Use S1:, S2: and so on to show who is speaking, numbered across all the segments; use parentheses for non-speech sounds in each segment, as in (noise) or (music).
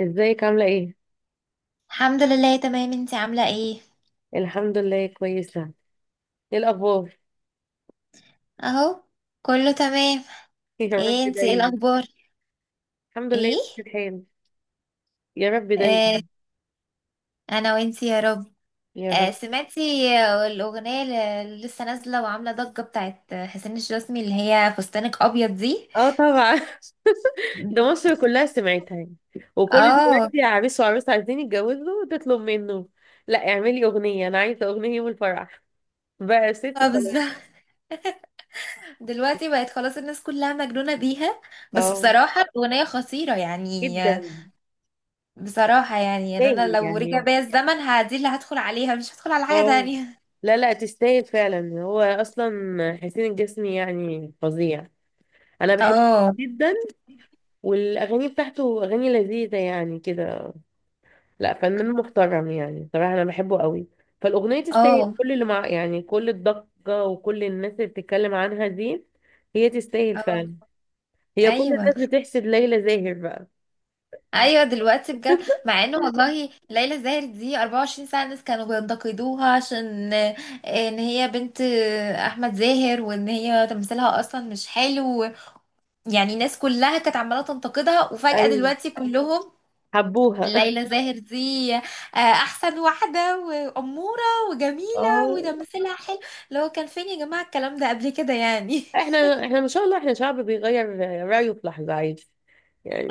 S1: ازيك عاملة ايه؟
S2: الحمد لله، تمام. انتي عاملة ايه؟
S1: الحمد لله كويسة. ايه الأخبار؟
S2: اهو، كله تمام.
S1: (laughs) يا رب
S2: ايه انتي، ايه
S1: دايما.
S2: الاخبار؟
S1: الحمد لله.
S2: ايه.
S1: في الحال. يا رب دايما.
S2: آه، انا وانتي يا رب.
S1: يا
S2: آه،
S1: رب.
S2: سمعتي؟ الاغنية اللي لسه نازلة وعاملة ضجة بتاعت حسين الجسمي، اللي هي فستانك ابيض دي.
S1: اه، طبعا. (laughs) ده مصر كلها سمعتها يعني. وكل
S2: اه،
S1: دلوقتي عريس وعروس عايزين يتجوزوا تطلب منه. لا، اعملي أغنية، أنا عايزة أغنية يوم الفرح. بقى يا ستي
S2: اه،
S1: خلاص.
S2: بالظبط. (laughs) دلوقتي بقت خلاص الناس كلها مجنونة بيها. بس
S1: اه،
S2: بصراحة الأغنية خطيرة يعني،
S1: جدا.
S2: بصراحة يعني أنا
S1: تستاهل
S2: لو رجع
S1: يعني.
S2: بيا الزمن، دي اللي هدخل عليها، مش هدخل على حاجة
S1: اه.
S2: تانية.
S1: لا، لا، تستاهل فعلا، هو أصلا حسين الجسمي يعني فظيع. أنا بحبه
S2: اه،
S1: جدا. والاغاني بتاعته اغاني لذيذه يعني كده. لا، فنان محترم، يعني صراحه انا بحبه قوي. فالاغنيه تستاهل
S2: اه،
S1: كل اللي مع، يعني كل الضجه وكل الناس اللي بتتكلم عنها دي. هي تستاهل
S2: اه.
S1: فعلا. هي كل
S2: ايوه،
S1: الناس بتحسد ليلى زاهر بقى.
S2: ايوه، دلوقتي بجد. مع انه والله ليلى زاهر دي 24 ساعه الناس كانوا بينتقدوها، عشان ان هي بنت احمد زاهر، وان هي تمثيلها اصلا مش حلو. يعني الناس كلها كانت عماله تنتقدها، وفجاه
S1: ايوه،
S2: دلوقتي كلهم.
S1: حبوها.
S2: ليلى زاهر دي احسن واحده، واموره،
S1: (laughs)
S2: وجميله،
S1: اه.
S2: وتمثيلها حلو. لو كان فين يا جماعه الكلام ده قبل كده يعني؟
S1: احنا ما شاء الله، احنا شعب بيغير رايه في لحظه عادي.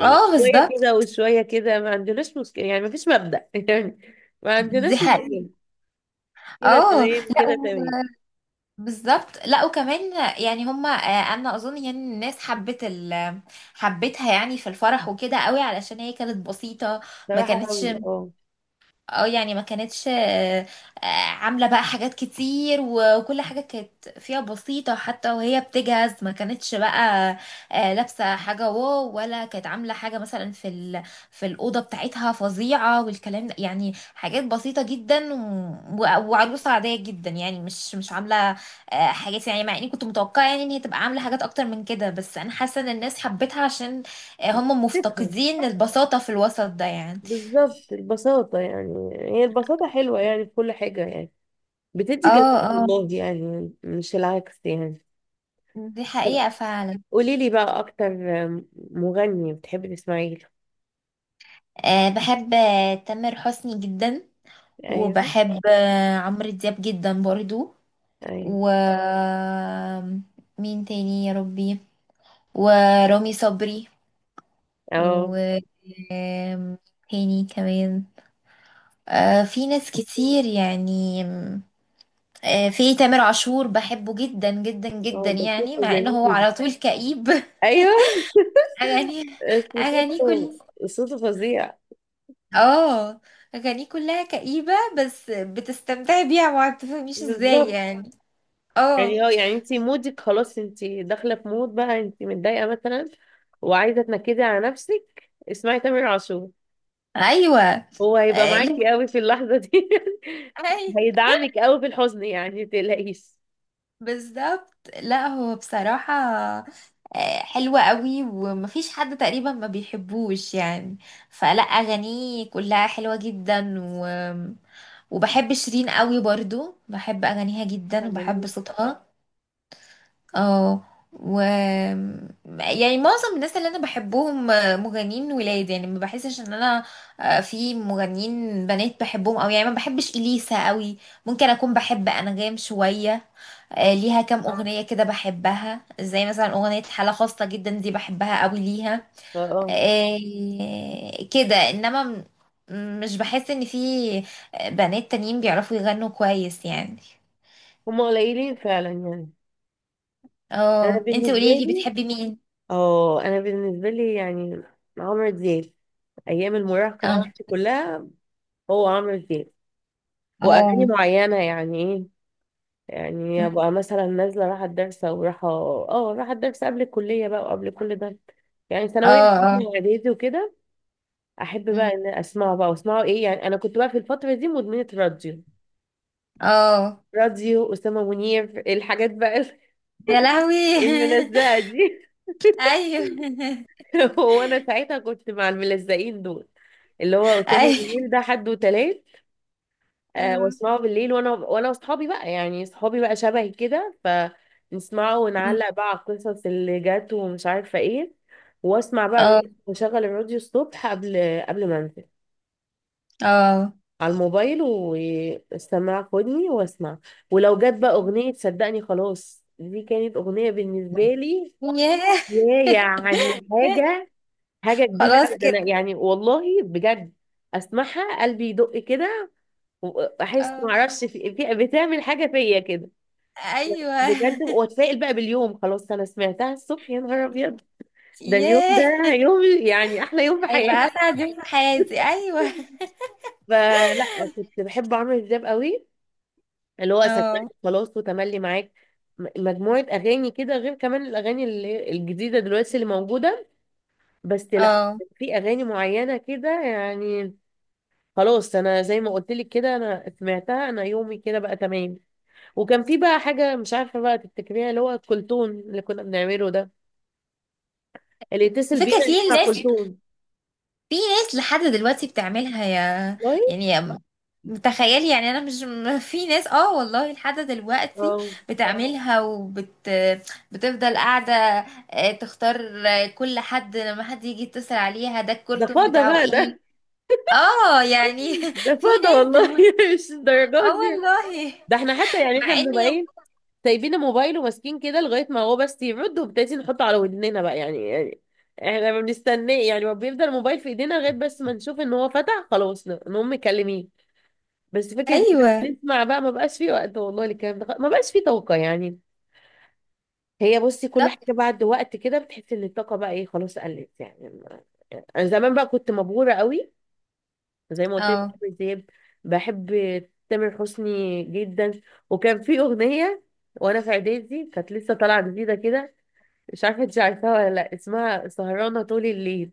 S2: (laughs) اه،
S1: شويه
S2: بالظبط.
S1: كده وشويه كده، ما عندناش مشكله، يعني ما فيش مبدأ (laughs) يعني. ما عندناش
S2: دي حقيقة.
S1: مشكله. كده
S2: اه،
S1: تمام، كده
S2: لا،
S1: تمام.
S2: بالظبط. لا، وكمان يعني، هما انا اظن يعني الناس حبت حبتها يعني في الفرح وكده قوي، علشان هي كانت بسيطة. ما
S1: صراحه
S2: كانتش،
S1: قوي، اه.
S2: اه يعني ما كانتش، آه، عاملة بقى حاجات كتير، وكل حاجة كانت فيها بسيطة حتى وهي بتجهز. ما كانتش بقى لابسة حاجة واو، ولا كانت عاملة حاجة مثلا في ال... في الأوضة بتاعتها فظيعة والكلام ده، يعني حاجات بسيطة جدا، و... وعروسة عادية جدا، يعني مش عاملة حاجات، يعني مع اني كنت متوقعة يعني ان هي تبقى عاملة حاجات اكتر من كده. بس انا حاسة ان الناس حبتها عشان هم
S1: فكرة.
S2: مفتقدين البساطة في الوسط ده يعني.
S1: بالظبط، البساطة، يعني هي البساطة حلوة يعني في كل حاجة يعني.
S2: اه،
S1: بتدي جمال
S2: اه،
S1: والله، يعني مش العكس يعني.
S2: دي حقيقة فعلا.
S1: قولي لي بقى أكتر، مغني بتحبي تسمعي له؟
S2: أه، بحب تامر حسني جدا.
S1: أيوه.
S2: وبحب عمرو دياب جدا برضو.
S1: أيوه.
S2: و... مين تاني يا ربي؟ ورامي صبري.
S1: أه.
S2: و... آم، تاني كمان. أه، في ناس كتير يعني. أه، في تامر عاشور بحبه جدا جدا جدا،
S1: أه، ده
S2: يعني
S1: صوته
S2: مع انه هو
S1: جميل.
S2: على طول كئيب (laughs)
S1: أيوه،
S2: اغاني...
S1: (laughs) بس
S2: اغاني كلها...
S1: صوته، صوته فظيع.
S2: اه، اغانيه كلها كئيبة، بس بتستمتعي بيها ما بتفهميش ازاي
S1: بالظبط.
S2: يعني. اه،
S1: يعني هو، يعني انت مودك خلاص، انت داخله في مود بقى، انت متضايقه مثلا، وعايزه تنكدي على نفسك، اسمعي تامر عاشور.
S2: ايوه.
S1: هو هيبقى
S2: لا،
S1: معاكي قوي في اللحظة دي. (laughs)
S2: أي-
S1: هيدعمك قوي في الحزن، يعني متقلقيش.
S2: بالظبط. لا، هو بصراحة حلوة قوي، ومفيش حد تقريبا ما بيحبوش يعني. فلا، اغانيه كلها حلوة جدا، و... وبحب شيرين قوي برضو، بحب اغانيها
S1: آه،
S2: جدا
S1: جميل.
S2: وبحب صوتها. اه. و... يعني معظم الناس اللي انا بحبهم مغنيين ولاد، يعني ما بحسش ان انا في مغنيين بنات بحبهم، او يعني ما بحبش اليسا قوي. ممكن اكون بحب انغام شويه،
S1: اه،
S2: ليها كام اغنيه كده بحبها، زي مثلا اغنيه حاله خاصه جدا دي بحبها قوي ليها.
S1: اه.
S2: كده، انما مش بحس ان في بنات تانيين بيعرفوا يغنوا كويس يعني.
S1: هما قليلين فعلا يعني. انا
S2: اه، انت
S1: بالنسبة
S2: قوليلي
S1: لي.
S2: بتحبي مين؟
S1: اه، انا بالنسبة لي يعني، عمرو دياب. ايام المراهقة
S2: اه،
S1: بتاعتي كلها هو عمرو دياب. واغاني
S2: اه.
S1: معينة، يعني ايه، يعني
S2: مم.
S1: ابقى مثلا نازلة رايحة الدرس او رايحة الدرس قبل الكلية بقى وقبل كل ده. يعني
S2: اه،
S1: ثانوية
S2: اه.
S1: عامة واعدادي وكده. احب بقى
S2: مم.
S1: ان اسمعه بقى واسمعه ايه، يعني انا كنت بقى في الفتره دي مدمنه راديو.
S2: اه.
S1: راديو اسامه منير، الحاجات بقى،
S2: يا لهوي (laughs)
S1: الملزقه دي.
S2: ايوه (laughs)
S1: (laughs) هو انا ساعتها كنت مع الملزقين دول، اللي هو اسامه
S2: ايوه.
S1: منير ده حد وتلات.
S2: أم.
S1: واسمعه بالليل وانا واصحابي بقى، يعني اصحابي بقى شبهي كده، فنسمعه
S2: مم.
S1: ونعلق بقى على القصص اللي جت ومش عارفه ايه. واسمع بقى
S2: اه،
S1: واشغل الراديو الصبح قبل ما انزل
S2: اه.
S1: على الموبايل، واستمع خدني واسمع. ولو جت بقى اغنية، صدقني خلاص دي كانت اغنية بالنسبة لي،
S2: ياه.
S1: يعني حاجة كبيرة
S2: خلاص
S1: أوي. ده
S2: كده.
S1: انا يعني والله بجد، اسمعها قلبي يدق كده، واحس
S2: اه،
S1: معرفش، بتعمل حاجة فيا كده،
S2: ايوه
S1: بجد. واتفائل بقى باليوم، خلاص انا سمعتها الصبح يا نهار ابيض، ده
S2: (laughs)
S1: اليوم ده
S2: ياه،
S1: يوم، يعني احلى يوم في
S2: هيبقى
S1: حياتي.
S2: اسعد يوم في حياتي، ايوه.
S1: فلا، كنت بحب عمرو دياب قوي، اللي هو أساكي،
S2: اه،
S1: خلاص، وتملي معاك، المجموعة أغاني كده، غير كمان الأغاني الجديدة دلوياس اللي موجودة. بس لا،
S2: اه.
S1: في أغاني معينة كده يعني. خلاص أنا زي ما قلتليك كده، أنا أتمعتها، أنا يومي كده بقى تمامي. وكان في بقى حاجة مش عارفة بقى، التكريه اللي هو كلتون اللي كنا بنعمله ده، اللي يتسل
S2: على فكرة
S1: بينا اللي
S2: في
S1: مع
S2: ناس،
S1: كلتون.
S2: في ناس لحد دلوقتي بتعملها، يا...
S1: والله.
S2: يعني يا... متخيل يعني. انا مش (laughs) في ناس، اه والله لحد دلوقتي
S1: اه،
S2: بتعملها، وبت بتفضل قاعده تختار كل حد لما حد يجي يتصل عليها، ده
S1: ده
S2: الكرتون
S1: فضى
S2: بتاعه
S1: فقط
S2: ايه.
S1: ده.
S2: اه، يعني
S1: ده
S2: (laughs) في
S1: فضى
S2: ناس
S1: والله،
S2: دلوقتي.
S1: (laughs) ده
S2: اه،
S1: يجوز بيه.
S2: والله.
S1: ده إحنا حتى، يعني إحنا
S2: مع ان، يعني.
S1: بنبعين سايبين الموبايل وماسكين كده لغاية ما هو بس يرد، وبالتالي نحطه على ودننا بقى، يعني احنا ما بنستناه، يعني ما بيفضل الموبايل في ايدينا لغاية بس ما نشوف ان هو فتح، خلاص نقوم مكلمين. بس فكرة إن إحنا
S2: ايوه،
S1: نسمع بقى ما بقاش فيه وقت والله، الكلام ده ما بقاش فيه طاقة يعني. هي بصي، كل
S2: بالظبط.
S1: حاجة بعد وقت كده بتحس ان الطاقة بقى ايه، خلاص قلت يعني انا زمان بقى كنت مبهورة قوي. زي ما قلت لك،
S2: اه،
S1: بحب زياد، بحب تامر حسني جدا. وكان في أغنية، وانا في اعدادي كانت لسه طالعة جديدة كده، مش عارفة انت عارفاها ولا لا، اسمها سهرانة طول الليل.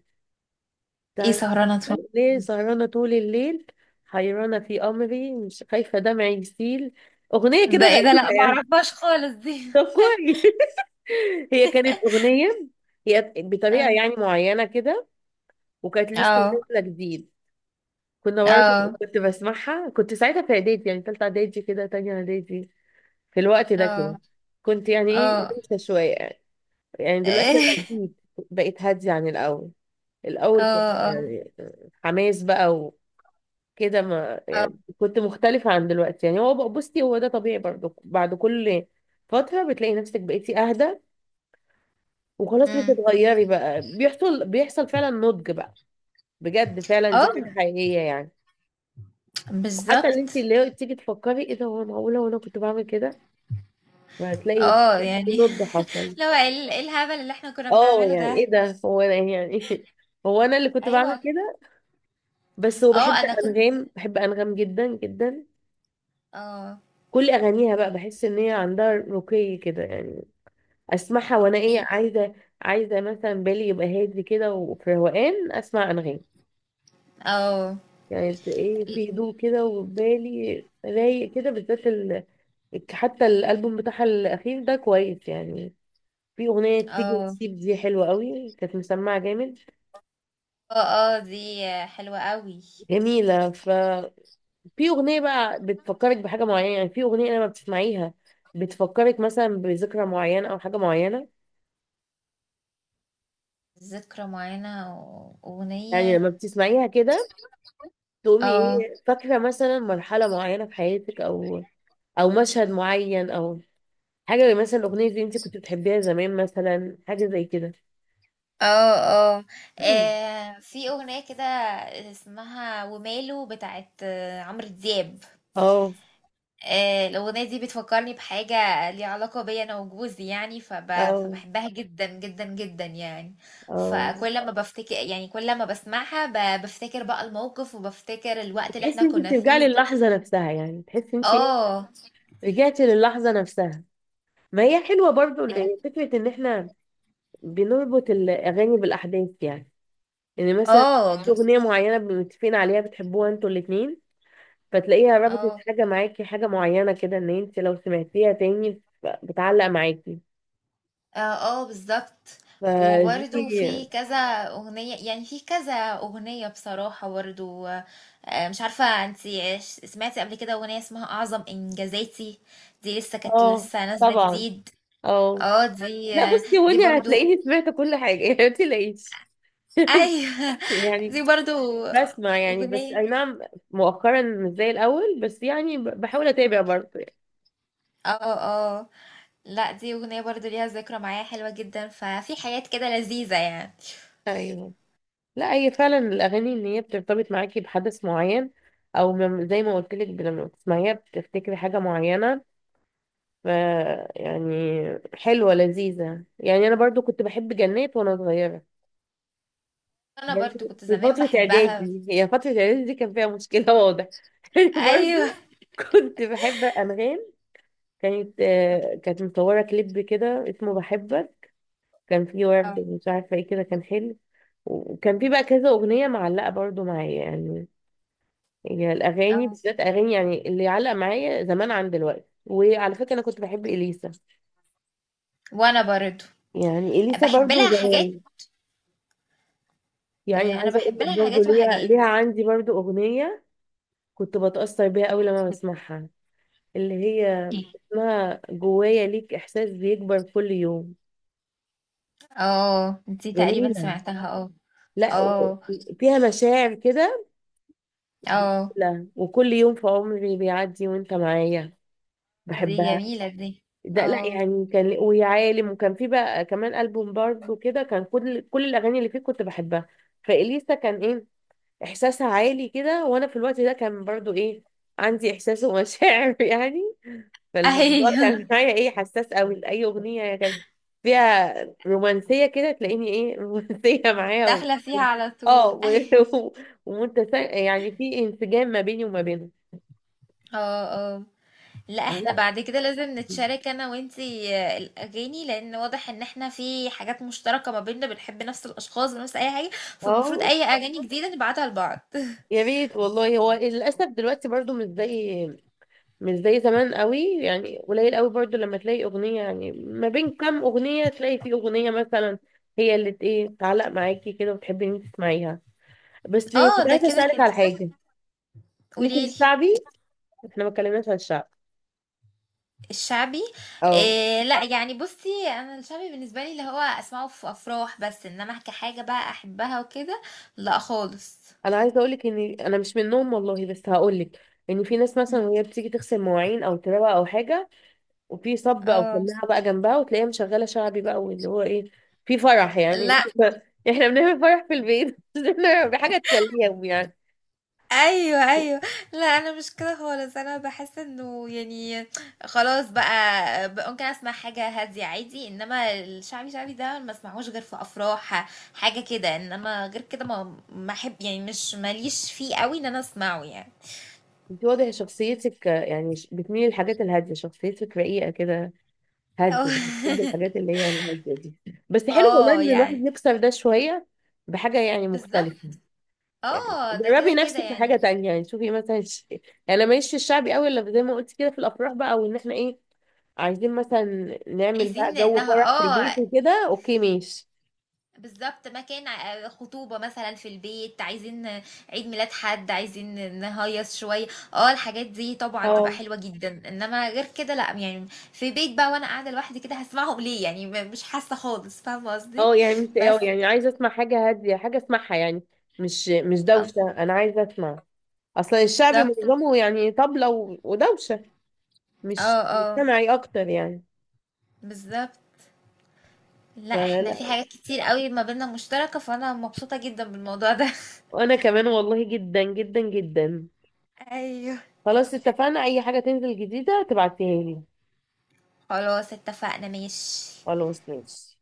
S2: ايه
S1: تعرف؟
S2: سهرانه اتفرج؟
S1: ليه سهرانة طول الليل، حيرانة في أمري مش خايفة دمعي يسيل. أغنية كده
S2: ده ايه ده؟ لا
S1: غريبة يعني.
S2: معرفهاش خالص دي.
S1: طب كويس. (laughs) هي كانت أغنية هي بطريقة
S2: اه،
S1: يعني معينة كده، وكانت لسه
S2: اه،
S1: نازلة جديد. كنا
S2: اه،
S1: برضه، كنت بسمعها، كنت ساعتها في إعدادي، يعني تالتة إعدادي كده، تانية إعدادي، في الوقت ده كده،
S2: اه،
S1: كنت يعني ايه
S2: اه،
S1: لسه شوية يعني. يعني دلوقتي
S2: اه،
S1: أنا جديد بقيت هادية عن الأول. الأول كنت
S2: اه،
S1: يعني حماس بقى وكده، ما
S2: اه.
S1: يعني كنت مختلفة عن دلوقتي، يعني بصي هو ده طبيعي برضه، بعد كل فترة بتلاقي نفسك بقيتي أهدى، وخلاص
S2: امم.
S1: بتتغيري بقى، بيحصل بيحصل فعلا نضج بقى، بجد فعلا دي
S2: اه،
S1: حاجة حقيقية يعني. حتى اللي انت
S2: بالظبط.
S1: اللي هو تيجي تفكري ايه ده، هو معقولة وانا كنت بعمل كده؟ فهتلاقي
S2: اه،
S1: في
S2: يعني
S1: نضج
S2: (laughs)
S1: حصل.
S2: لو إيه الهبل اللي احنا كنا
S1: اه
S2: بنعمله
S1: يعني
S2: ده؟
S1: ايه ده، هو انا يعني (laughs) هو انا اللي كنت
S2: ايوه.
S1: بعمل كده؟ بس هو بحب
S2: اه، انا كنت،
S1: انغام، بحب انغام جدا جدا.
S2: اه.
S1: كل اغانيها بقى بحس ان هي عندها رقي كده يعني. اسمعها وانا ايه،
S2: ايه.
S1: عايزه مثلا بالي يبقى هادي كده وفي روقان اسمع انغام.
S2: اه،
S1: يعني ايه في هدوء كده وبالي رايق كده، بالذات حتى الالبوم بتاعها الاخير ده كويس يعني. في اغنيه تيجي
S2: اه،
S1: تسيب دي حلوه قوي، كانت مسمعه جامد،
S2: اه، اه، دي حلوة قوي.
S1: جميله. ففي اغنيه بقى بتفكرك بحاجه معينه، يعني في اغنيه لما بتسمعيها بتفكرك مثلا بذكرى معينه او حاجه معينه.
S2: ذكرى معينة،
S1: يعني
S2: واغنية...
S1: لما بتسمعيها كده، تقومي
S2: اه،
S1: ايه فاكرة مثلا مرحلة معينة في حياتك، او مشهد معين، او حاجة، مثلا الأغنية دي انت كنت بتحبيها زمان، مثلا حاجة زي كده.
S2: اه، اه.
S1: (clears throat) مم.
S2: في اغنية كده اسمها وماله بتاعت عمرو دياب.
S1: اه،
S2: الأغنية دي بتفكّرني بحاجة ليها علاقة بيّا أنا وجوزي يعني،
S1: اه،
S2: فباحبها جدًا، جدًا، جدًا يعني.
S1: اه.
S2: فكل ما يعني، كل ما باسمعها بافتكر بقى الموقف، وبافتكر الوقت اللي إحنا
S1: بتحسي انت
S2: كنا
S1: بترجعي
S2: فيه وكده.
S1: للحظة نفسها، يعني بتحسي انت ايه،
S2: آه،
S1: رجعتي للحظة نفسها؟ ما هي حلوة برضو اللي
S2: بجد؟
S1: هي فكرة ان احنا بنربط الأغاني بالأحداث يعني. يعني مثلا
S2: آه. إمم.
S1: في أغنية معينة متفقين عليها بتحبوها انتوا الاتنين، فتلاقيها ربطت
S2: آه.
S1: حاجة معاكي، حاجة معينة كده، ان انت لو سمعتيها تاني بتعلق معاكي،
S2: اه، آه، بالظبط. وبرده
S1: فدي.
S2: في كذا اغنيه، يعني في كذا اغنيه بصراحه برضو، مش عارفه انتي، سمعتي قبل كده اغنيه اسمها اعظم انجازاتي؟ دي لسه كانت
S1: اه
S2: لسه نازله
S1: طبعا.
S2: جديد.
S1: اه،
S2: اه، دي
S1: لا بصي،
S2: دي
S1: هوني
S2: برضو.
S1: هتلاقيني سمعت كل حاجة، (laughs) يعني ما تلاقيش
S2: ايوه (laughs) دي
S1: يعني،
S2: برضو
S1: بسمع يعني، بس
S2: اغنيه.
S1: اي نعم، مؤخرا مش زي الاول، بس يعني بحاول اتابع برضه يعني.
S2: اه، اه. لا، دي اغنيه برضو ليها ذكرى معايا حلوه جدا، ففي حاجات كده لذيذه يعني.
S1: ايوه. لا هي فعلا الاغاني ان هي بترتبط معاكي بحدث معين، او زي ما قلت لك لما بتسمعيها بتفتكري حاجة معينة. ف يعني حلوة لذيذة، يعني أنا برضو كنت بحب جنات وأنا صغيرة
S2: انا
S1: برضو،
S2: برضو كنت
S1: في
S2: زمان
S1: فترة
S2: بحبها.
S1: إعدادي، هي فترة إعدادي دي كان فيها مشكلة واضح. (laughs) أنا
S2: ايوه.
S1: برضو كنت بحب أنغام. كانت مصورة كليب كده اسمه بحبك، كان فيه ورد
S2: اه.
S1: مش عارفة ايه كده، كان حلو. وكان فيه بقى كذا أغنية معلقة برضو معايا يعني. هي الأغاني
S2: آه.
S1: بالذات أغاني يعني اللي علق معايا زمان عن دلوقتي. وعلى فكرة أنا كنت بحب إليسا،
S2: وانا برضه
S1: يعني إليسا
S2: بحب
S1: برضو
S2: لها حاجات.
S1: زمان، يعني
S2: انا
S1: عايزه اقول
S2: بحب
S1: لك
S2: لها
S1: برضو،
S2: حاجات
S1: ليها
S2: وحاجات.
S1: ليها عندي برضو اغنيه كنت بتاثر بيها قوي لما بسمعها، اللي هي اسمها جوايا ليك احساس بيكبر كل يوم.
S2: اه، دي تقريبا
S1: جميله.
S2: سمعتها، اه.
S1: لا،
S2: اه،
S1: فيها مشاعر كده،
S2: اه،
S1: لا وكل يوم في عمري بيعدي وانت معايا.
S2: دي
S1: بحبها.
S2: جميلة دي.
S1: ده لا
S2: اه.
S1: يعني كان ويا عالم، وكان في بقى كمان ألبوم برضو كده كان كل الأغاني اللي فيه كنت بحبها. فإليسا كان إيه احساسها عالي كده، وانا في الوقت ده كان برضو ايه، عندي احساس ومشاعر. (laughs) يعني
S2: (laughs)
S1: فالموضوع
S2: ايوه،
S1: كان معايا ايه، حساس قوي لاي اغنيه كان فيها رومانسيه كده، تلاقيني ايه (laughs) رومانسيه معايا
S2: داخلة فيها على
S1: اه،
S2: طول (laughs) ايوه.
S1: (laughs) و... يعني في انسجام ما بيني وما بينها.
S2: اه، اه. لا، احنا
S1: لا.
S2: بعد كده لازم نتشارك انا وانتي الاغاني، لان واضح ان احنا في حاجات مشتركة ما بيننا، بنحب نفس الاشخاص ونفس اي حاجة. فالمفروض
S1: اه.
S2: اي اغاني جديدة نبعتها لبعض (laughs)
S1: يا ريت والله. هو للاسف دلوقتي برضو مش زي زمان قوي، يعني قليل قوي برضو لما تلاقي اغنية، يعني ما بين كام اغنية تلاقي في اغنية مثلا هي اللي ايه تعلق معاكي كده وتحبي ان انت تسمعيها. بس
S2: اه،
S1: كنت
S2: ده
S1: عايزة
S2: كده
S1: اسألك
S2: كده.
S1: على حاجة. ليكي في
S2: قوليلي.
S1: الشعبي؟ احنا ما اتكلمناش عن الشعب.
S2: الشعبي.
S1: اه،
S2: إيه، لا يعني، بصي انا الشعبي بالنسبه لي اللي هو اسمعه في افراح بس، انما كحاجه بقى احبها وكده، لا خالص.
S1: انا عايزة اقولك ان انا مش منهم والله، بس هقولك ان في ناس مثلا
S2: مم.
S1: وهي بتيجي تغسل مواعين او تروق او حاجة، وفي صب او
S2: اه.
S1: سماعة بقى جنبها، وتلاقيها مشغلة شعبي بقى، واللي هو ايه، في فرح يعني.
S2: لا.
S1: (laughs) احنا بنعمل فرح في البيت (laughs) بحاجة تسليهم يعني.
S2: ايوه، ايوه. لا، انا مش كده خالص، انا بحس انه يعني خلاص بقى ممكن اسمع حاجه هاديه عادي، انما الشعبي، شعبي ده ما اسمعوش غير في افراح. حاجه كده، انما غير كده ما احب يعني، مش ماليش فيه قوي ان انا اسمعه يعني.
S1: انت واضح شخصيتك يعني بتميلي للحاجات الهاديه، شخصيتك رقيقه كده، هاديه، بتحب الحاجات
S2: (laughs)
S1: اللي هي الهاديه دي. بس حلو والله
S2: اه،
S1: ان الواحد
S2: يعني
S1: يكسر ده شويه بحاجه يعني
S2: بالظبط.
S1: مختلفه. يعني
S2: اه، ده كده
S1: جربي
S2: كده
S1: نفسك في حاجه
S2: يعني.
S1: تانية، يعني شوفي مثلا يعني انا ماليش في الشعبي قوي، الا زي ما قلت كده في الافراح بقى، وان احنا ايه عايزين مثلا نعمل بقى
S2: عايزين
S1: جو
S2: انها...
S1: فرح في البيت
S2: اه،
S1: وكده، اوكي ماشي.
S2: بالظبط. مكان خطوبة مثلا في البيت، عايزين عيد ميلاد حد، عايزين نهيص شوية. اه، الحاجات دي طبعا تبقى
S1: اه،
S2: حلوة جدا، انما غير كده لا يعني. في بيت بقى وانا قاعدة لوحدي كده، هسمعهم ليه يعني؟ مش حاسة خالص. فاهمة قصدي؟
S1: اه، يعني مش
S2: بس.
S1: يعني عايزه اسمع حاجه هاديه، حاجه اسمعها يعني، مش
S2: اه،
S1: دوشه، انا عايزه اسمع. اصلا الشعب
S2: بالظبط.
S1: معظمه يعني طبلة ودوشة، مش
S2: اه، اه،
S1: مجتمعي اكتر يعني.
S2: بالظبط. لا، احنا
S1: فلا.
S2: في حاجات كتير قوي ما بيننا مشتركة، فانا مبسوطة جدا بالموضوع ده (laughs)
S1: وانا كمان والله جدا جدا جدا.
S2: ايوه.
S1: خلاص اتفقنا، اي حاجة تنزل جديدة تبعتيها لي.
S2: خلاص اتفقنا ماشي.
S1: خلاص ماشي.